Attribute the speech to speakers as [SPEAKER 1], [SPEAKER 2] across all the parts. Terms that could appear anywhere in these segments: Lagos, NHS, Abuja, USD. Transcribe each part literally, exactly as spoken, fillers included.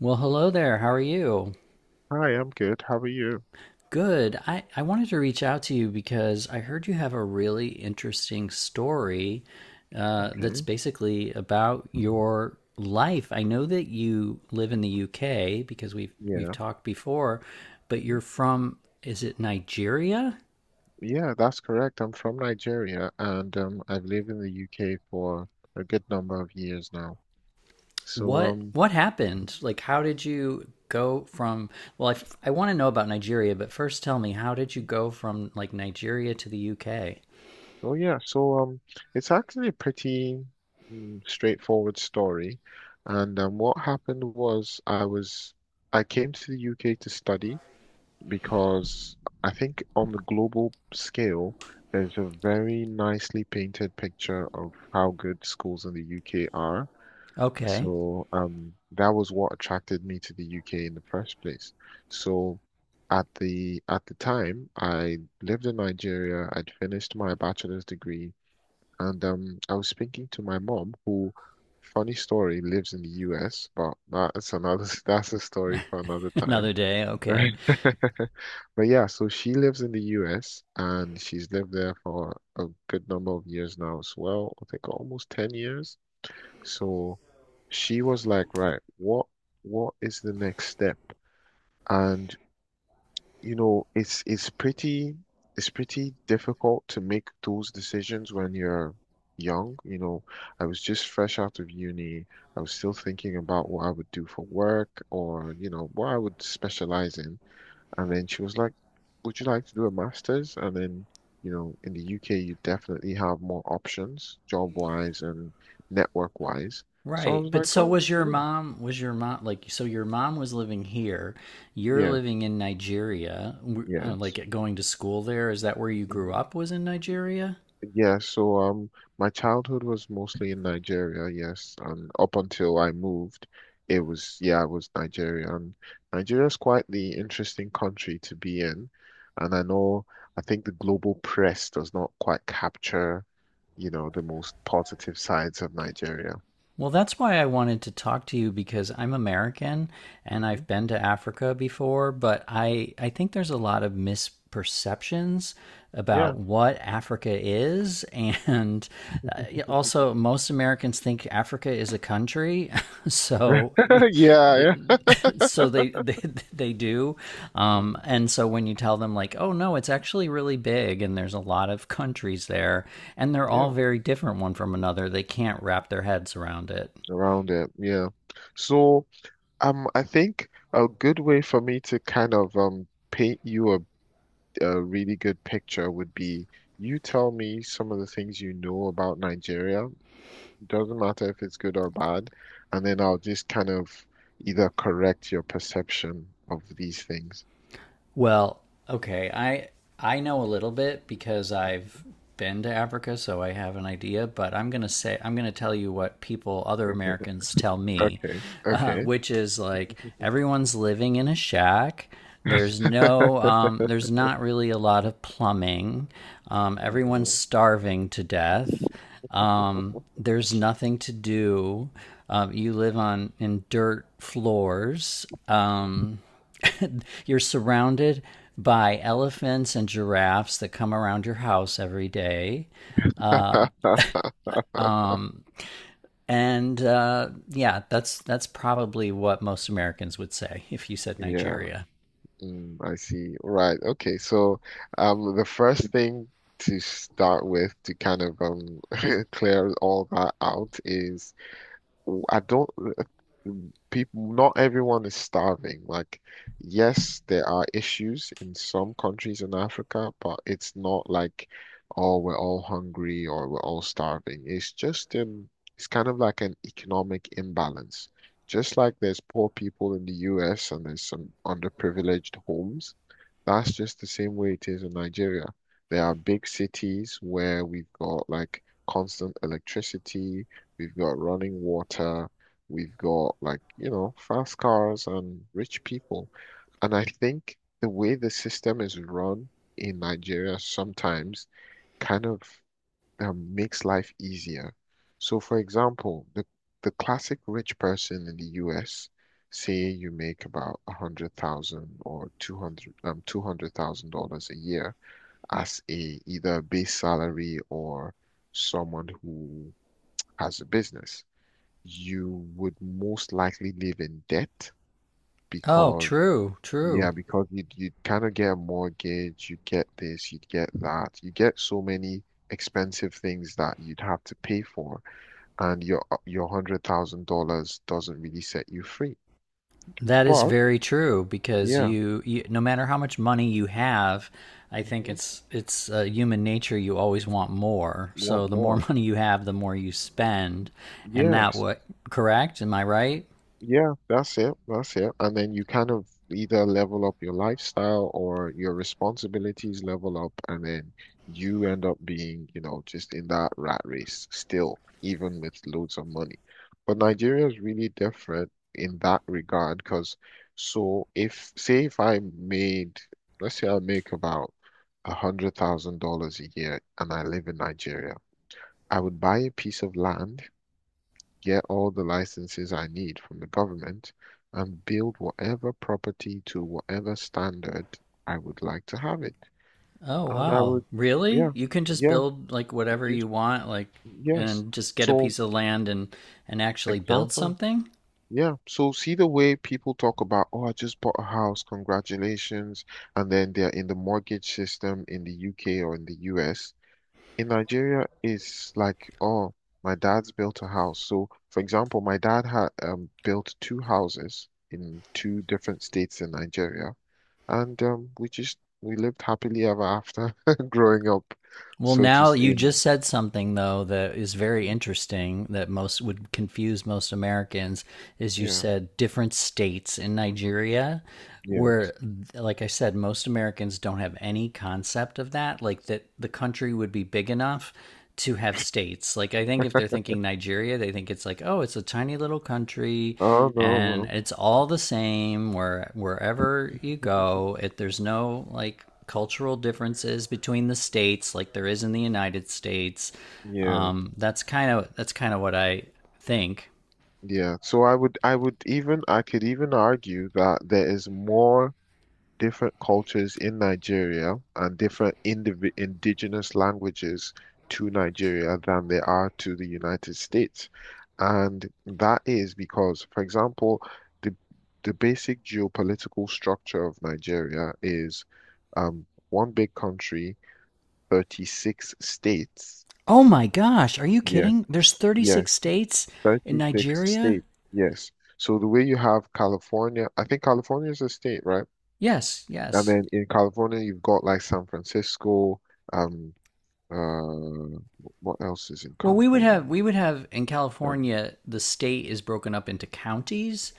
[SPEAKER 1] Well, hello there. How are you?
[SPEAKER 2] Hi, I'm good. How are you?
[SPEAKER 1] Good. I, I wanted to reach out to you because I heard you have a really interesting story, uh, that's
[SPEAKER 2] Okay.
[SPEAKER 1] basically about your life. I know that you live in the U K because we've we've
[SPEAKER 2] Yeah.
[SPEAKER 1] talked before, but you're
[SPEAKER 2] Hmm.
[SPEAKER 1] from, is it Nigeria?
[SPEAKER 2] Yeah, that's correct. I'm from Nigeria and um, I've lived in the U K for a good number of years now. So,
[SPEAKER 1] What
[SPEAKER 2] um,
[SPEAKER 1] what happened? Like, how did you go from, well, I, f- I want to know about Nigeria, but first tell me, how did you go from like Nigeria to the U K?
[SPEAKER 2] oh yeah, so um, it's actually a pretty mm, straightforward story. And um, what happened was I was I came to the U K to study because I think on the global scale, there's a very nicely painted picture of how good schools in the U K are.
[SPEAKER 1] Okay.
[SPEAKER 2] So um, that was what attracted me to the U K in the first place. So at the at the time, I lived in Nigeria. I'd finished my bachelor's degree, and um, I was speaking to my mom, who, funny story, lives in the U S, but that's another that's a story for another time.
[SPEAKER 1] Another day, okay.
[SPEAKER 2] Right. But yeah, so she lives in the U S and she's lived there for a good number of years now as well. I think almost ten years. So she was like, right, what what is the next step? And you know, it's it's pretty it's pretty difficult to make those decisions when you're young. You know, I was just fresh out of uni. I was still thinking about what I would do for work or, you know, what I would specialize in. And then she was like, Would you like to do a master's? And then, you know, in the U K, you definitely have more options, job wise and network wise. So I
[SPEAKER 1] Right.
[SPEAKER 2] was
[SPEAKER 1] But
[SPEAKER 2] like,
[SPEAKER 1] so
[SPEAKER 2] Oh,
[SPEAKER 1] was your
[SPEAKER 2] yeah,
[SPEAKER 1] mom, was your mom, like, so your mom was living here. You're
[SPEAKER 2] yes,
[SPEAKER 1] living in Nigeria, uh,
[SPEAKER 2] yes.
[SPEAKER 1] like going to school there. Is that where you grew
[SPEAKER 2] Mm-hmm.
[SPEAKER 1] up, was in Nigeria?
[SPEAKER 2] Yeah, so um, my childhood was mostly in Nigeria, yes, and up until I moved, it was yeah, it was Nigeria, and Nigeria's quite the interesting country to be in, and I know I think the global press does not quite capture, you know, the most positive sides of Nigeria.
[SPEAKER 1] Well, that's why I wanted to talk to you because I'm American and
[SPEAKER 2] Hmm.
[SPEAKER 1] I've been to Africa before, but I, I think there's a lot of misperceptions
[SPEAKER 2] Yeah.
[SPEAKER 1] about what Africa is. And uh, also, most Americans think Africa is is a country, so
[SPEAKER 2] Yeah, yeah.
[SPEAKER 1] so they they they do, um,
[SPEAKER 2] Mm.
[SPEAKER 1] and so when you tell them like, oh no, it's actually really big, and there's a lot of countries there, and they're all
[SPEAKER 2] Yeah,
[SPEAKER 1] very different one from another, they can't wrap their heads around it.
[SPEAKER 2] around it. Yeah. So, um, I think a good way for me to kind of um paint you a a really good picture would be you tell me some of the things you know about Nigeria. Doesn't matter if it's good or bad, and then I'll just kind of either correct your perception of these things.
[SPEAKER 1] Well, okay. I I know a little bit because I've
[SPEAKER 2] Mhm.
[SPEAKER 1] been to Africa, so I have an idea. But I'm gonna say I'm gonna tell you what people, other
[SPEAKER 2] Okay,
[SPEAKER 1] Americans, tell me,
[SPEAKER 2] okay.
[SPEAKER 1] uh,
[SPEAKER 2] Okay.
[SPEAKER 1] which is like everyone's living in a shack. There's no, um, there's not really a lot of plumbing. Um, everyone's
[SPEAKER 2] Mhm.
[SPEAKER 1] starving to death. Um, there's nothing to do. Um, you live on in dirt floors. Um, you're surrounded by elephants and giraffes that come around your house every day. And uh, yeah, that's that's probably what most Americans would say if you said
[SPEAKER 2] Yeah,
[SPEAKER 1] Nigeria.
[SPEAKER 2] mm, I see. Right. Okay. So, um, the first thing to start with to kind of um clear all that out is I don't, people, not everyone is starving. Like, yes, there are issues in some countries in Africa, but it's not like, oh, we're all hungry or we're all starving. It's just um, it's kind of like an economic imbalance. Just like there's poor people in the U S and there's some underprivileged homes, that's just the same way it is in Nigeria. There are big cities where we've got like constant electricity. We've got running water. We've got like, you know, fast cars and rich people. And I think the way the system is run in Nigeria sometimes kind of um, makes life easier. So, for example, the, the classic rich person in the U S, say you make about a hundred thousand or two hundred um two hundred thousand dollars a year as a either a base salary or someone who has a business, you would most likely live in debt
[SPEAKER 1] Oh,
[SPEAKER 2] because
[SPEAKER 1] true,
[SPEAKER 2] yeah,
[SPEAKER 1] true.
[SPEAKER 2] because you'd you'd kind of get a mortgage, you'd get this, you'd get that, you get so many expensive things that you'd have to pay for, and your your hundred thousand dollars doesn't really set you free.
[SPEAKER 1] That is
[SPEAKER 2] But
[SPEAKER 1] very true because
[SPEAKER 2] yeah,
[SPEAKER 1] you, you no matter how much money you have, I think
[SPEAKER 2] mhm.
[SPEAKER 1] it's it's uh, human nature, you always want more. So
[SPEAKER 2] Want
[SPEAKER 1] the more
[SPEAKER 2] more?
[SPEAKER 1] money you have, the more you spend, and that
[SPEAKER 2] Yes.
[SPEAKER 1] what correct? Am I right?
[SPEAKER 2] Yeah, that's it. That's it. And then you kind of either level up your lifestyle or your responsibilities level up, and then you end up being, you know, just in that rat race still, even with loads of money. But Nigeria is really different in that regard because, so if, say, if I made, let's say I make about a hundred thousand dollars a year and I live in Nigeria, I would buy a piece of land, get all the licenses I need from the government, and build whatever property to whatever standard I would like to have it.
[SPEAKER 1] Oh
[SPEAKER 2] And I
[SPEAKER 1] wow.
[SPEAKER 2] would,
[SPEAKER 1] Really?
[SPEAKER 2] yeah,
[SPEAKER 1] You can just
[SPEAKER 2] yeah,
[SPEAKER 1] build like
[SPEAKER 2] it
[SPEAKER 1] whatever
[SPEAKER 2] just,
[SPEAKER 1] you want like
[SPEAKER 2] yes.
[SPEAKER 1] and just get a
[SPEAKER 2] So,
[SPEAKER 1] piece of land and and actually build
[SPEAKER 2] exactly.
[SPEAKER 1] something?
[SPEAKER 2] Yeah. So, see the way people talk about, oh, I just bought a house, congratulations. And then they're in the mortgage system in the U K or in the U S. In Nigeria, it's like, oh, my dad's built a house. So, for example, my dad had um, built two houses in two different states in Nigeria, and um, we just we lived happily ever after growing up,
[SPEAKER 1] Well,
[SPEAKER 2] so to
[SPEAKER 1] now
[SPEAKER 2] s-
[SPEAKER 1] you
[SPEAKER 2] in
[SPEAKER 1] just said something though that is very
[SPEAKER 2] Mhm.
[SPEAKER 1] interesting that most would confuse most Americans is you
[SPEAKER 2] Yeah,
[SPEAKER 1] said different states in Nigeria
[SPEAKER 2] yeah.
[SPEAKER 1] where, like I said, most Americans don't have any concept of that, like that the country would be big enough to have states. Like I think if they're thinking Nigeria, they think it's like, oh, it's a tiny little country
[SPEAKER 2] Oh no,
[SPEAKER 1] and
[SPEAKER 2] well,
[SPEAKER 1] it's all the same. Where wherever you go it, there's no like cultural differences between the states like there is in the United States.
[SPEAKER 2] yeah,
[SPEAKER 1] um, that's kind of that's kind of what I think.
[SPEAKER 2] yeah. So I would I would even I could even argue that there is more different cultures in Nigeria and different indiv indigenous languages to Nigeria than there are to the United States. And that is because, for example, the the basic geopolitical structure of Nigeria is um, one big country, thirty-six states.
[SPEAKER 1] Oh my gosh, are you
[SPEAKER 2] Yeah,
[SPEAKER 1] kidding? There's
[SPEAKER 2] yeah,
[SPEAKER 1] thirty-six states in
[SPEAKER 2] thirty-six
[SPEAKER 1] Nigeria?
[SPEAKER 2] states. Yes. So the way you have California, I think California is a state, right?
[SPEAKER 1] Yes,
[SPEAKER 2] And
[SPEAKER 1] yes.
[SPEAKER 2] then in California, you've got like San Francisco. Um, uh, what else is in
[SPEAKER 1] Well, we would
[SPEAKER 2] California?
[SPEAKER 1] have we would have in
[SPEAKER 2] Um,
[SPEAKER 1] California the state is broken up into counties.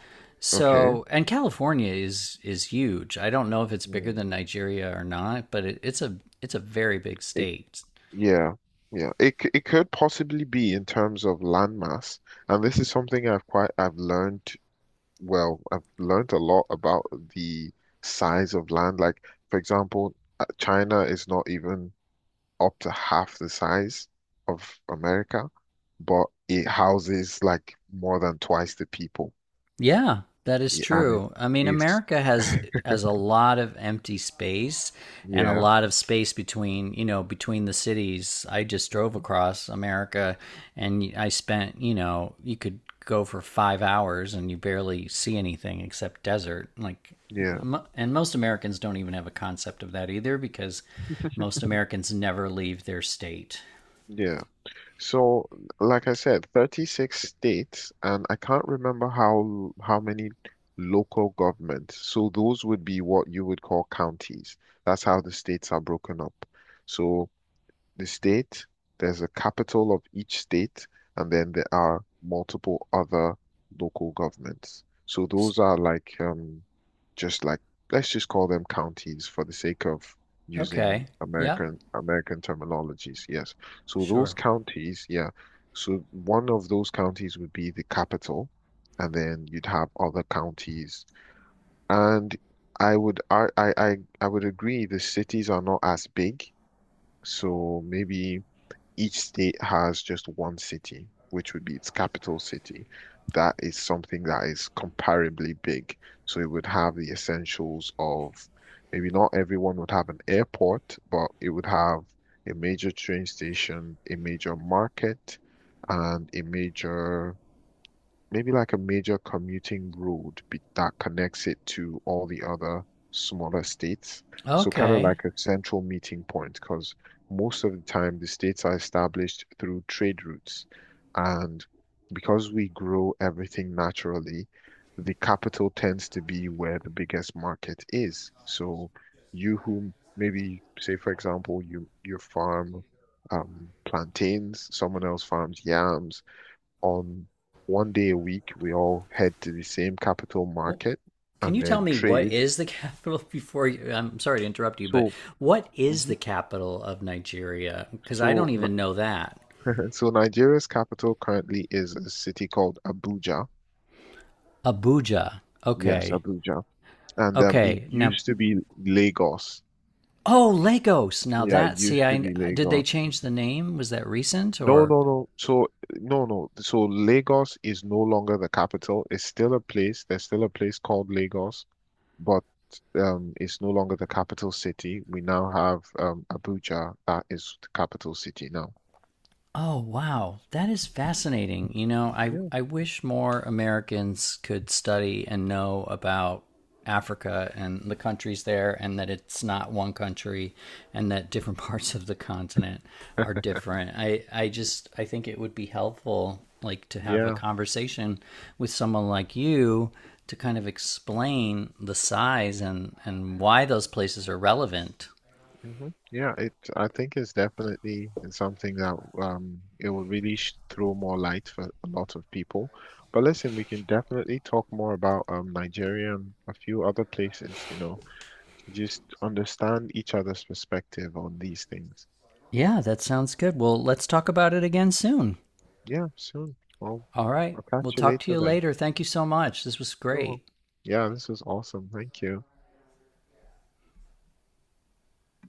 [SPEAKER 2] okay.
[SPEAKER 1] So, and California is is huge. I don't know if it's bigger
[SPEAKER 2] Mm.
[SPEAKER 1] than Nigeria or not, but it, it's a it's a very big
[SPEAKER 2] It,
[SPEAKER 1] state.
[SPEAKER 2] yeah, yeah. It c- it could possibly be in terms of landmass, and this is something I've quite I've learned. Well, I've learned a lot about the size of land. Like, for example, uh, China is not even up to half the size of America, but it houses like more than twice the people.
[SPEAKER 1] Yeah, that is
[SPEAKER 2] y- and it,
[SPEAKER 1] true. I mean,
[SPEAKER 2] it's
[SPEAKER 1] America has has a lot of empty space and a
[SPEAKER 2] yeah.
[SPEAKER 1] lot of space between, you know, between the cities. I just drove
[SPEAKER 2] Mhm.
[SPEAKER 1] across America and I spent, you know, you could go for five hours and you barely see anything except desert. Like
[SPEAKER 2] Yeah,
[SPEAKER 1] mo- and most Americans don't even have a concept of that either because most Americans never leave their state.
[SPEAKER 2] yeah. So, like I said, thirty-six states, and I can't remember how how many local governments. So those would be what you would call counties. That's how the states are broken up. So the state, there's a capital of each state, and then there are multiple other local governments. So
[SPEAKER 1] S-
[SPEAKER 2] those are like um just like let's just call them counties for the sake of using
[SPEAKER 1] Okay. Yep.
[SPEAKER 2] American American terminologies. Yes. So those
[SPEAKER 1] Sure.
[SPEAKER 2] counties, yeah. So one of those counties would be the capital, and then you'd have other counties. And I would I I I I would agree the cities are not as big. So maybe each state has just one city, which would be its capital city. That is something that is comparably big. So it would have the essentials of maybe not everyone would have an airport, but it would have a major train station, a major market, and a major maybe like a major commuting road be that connects it to all the other smaller states. So kind of
[SPEAKER 1] Okay.
[SPEAKER 2] like a central meeting point, because most of the time the states are established through trade routes. And because we grow everything naturally, the capital tends to be where the biggest market is. So you who maybe say, for example, you you farm um, plantains, someone else farms yams on one day a week, we all head to the same capital
[SPEAKER 1] Well,
[SPEAKER 2] market
[SPEAKER 1] can
[SPEAKER 2] and
[SPEAKER 1] you tell
[SPEAKER 2] then
[SPEAKER 1] me what
[SPEAKER 2] trade.
[SPEAKER 1] is the capital before you, I'm sorry to interrupt you, but
[SPEAKER 2] So,
[SPEAKER 1] what is the
[SPEAKER 2] mhm.
[SPEAKER 1] capital of Nigeria? Because I don't
[SPEAKER 2] so,
[SPEAKER 1] even
[SPEAKER 2] Ni-
[SPEAKER 1] know that.
[SPEAKER 2] so Nigeria's capital currently is a city called Abuja.
[SPEAKER 1] Abuja.
[SPEAKER 2] Yes,
[SPEAKER 1] Okay.
[SPEAKER 2] Abuja. And um, it
[SPEAKER 1] Okay. Now,
[SPEAKER 2] used to be Lagos.
[SPEAKER 1] oh, Lagos. Now
[SPEAKER 2] Yeah, it
[SPEAKER 1] that, see,
[SPEAKER 2] used to
[SPEAKER 1] I
[SPEAKER 2] be
[SPEAKER 1] did they
[SPEAKER 2] Lagos.
[SPEAKER 1] change the name? Was that recent
[SPEAKER 2] No,
[SPEAKER 1] or?
[SPEAKER 2] no, no. So, no, no. So Lagos is no longer the capital. It's still a place. There's still a place called Lagos. But um, it's no longer the capital city. We now have um, Abuja that is the capital city now.
[SPEAKER 1] Oh, wow. That is fascinating. You know, I,
[SPEAKER 2] Yeah,
[SPEAKER 1] I wish more Americans could study and know about Africa and the countries there, and that it's not one country, and that different parts of the continent are different. I, I just I think it would be helpful, like, to have a
[SPEAKER 2] yeah.
[SPEAKER 1] conversation with someone like you to kind of explain the size and, and why those places are relevant.
[SPEAKER 2] Hmm. Yeah, it I think it's definitely something that um it will really sh throw more light for a lot of people. But listen, we can definitely talk more about um Nigeria and a few other places, you know, to just understand each other's perspective on these things.
[SPEAKER 1] Yeah, that sounds good. Well, let's talk about it again soon.
[SPEAKER 2] Yeah, soon. Well,
[SPEAKER 1] All right.
[SPEAKER 2] I'll
[SPEAKER 1] We'll
[SPEAKER 2] catch you
[SPEAKER 1] talk to
[SPEAKER 2] later
[SPEAKER 1] you
[SPEAKER 2] then.
[SPEAKER 1] later. Thank you so much. This was
[SPEAKER 2] You're wel-
[SPEAKER 1] great.
[SPEAKER 2] Yeah, this was awesome. Thank you.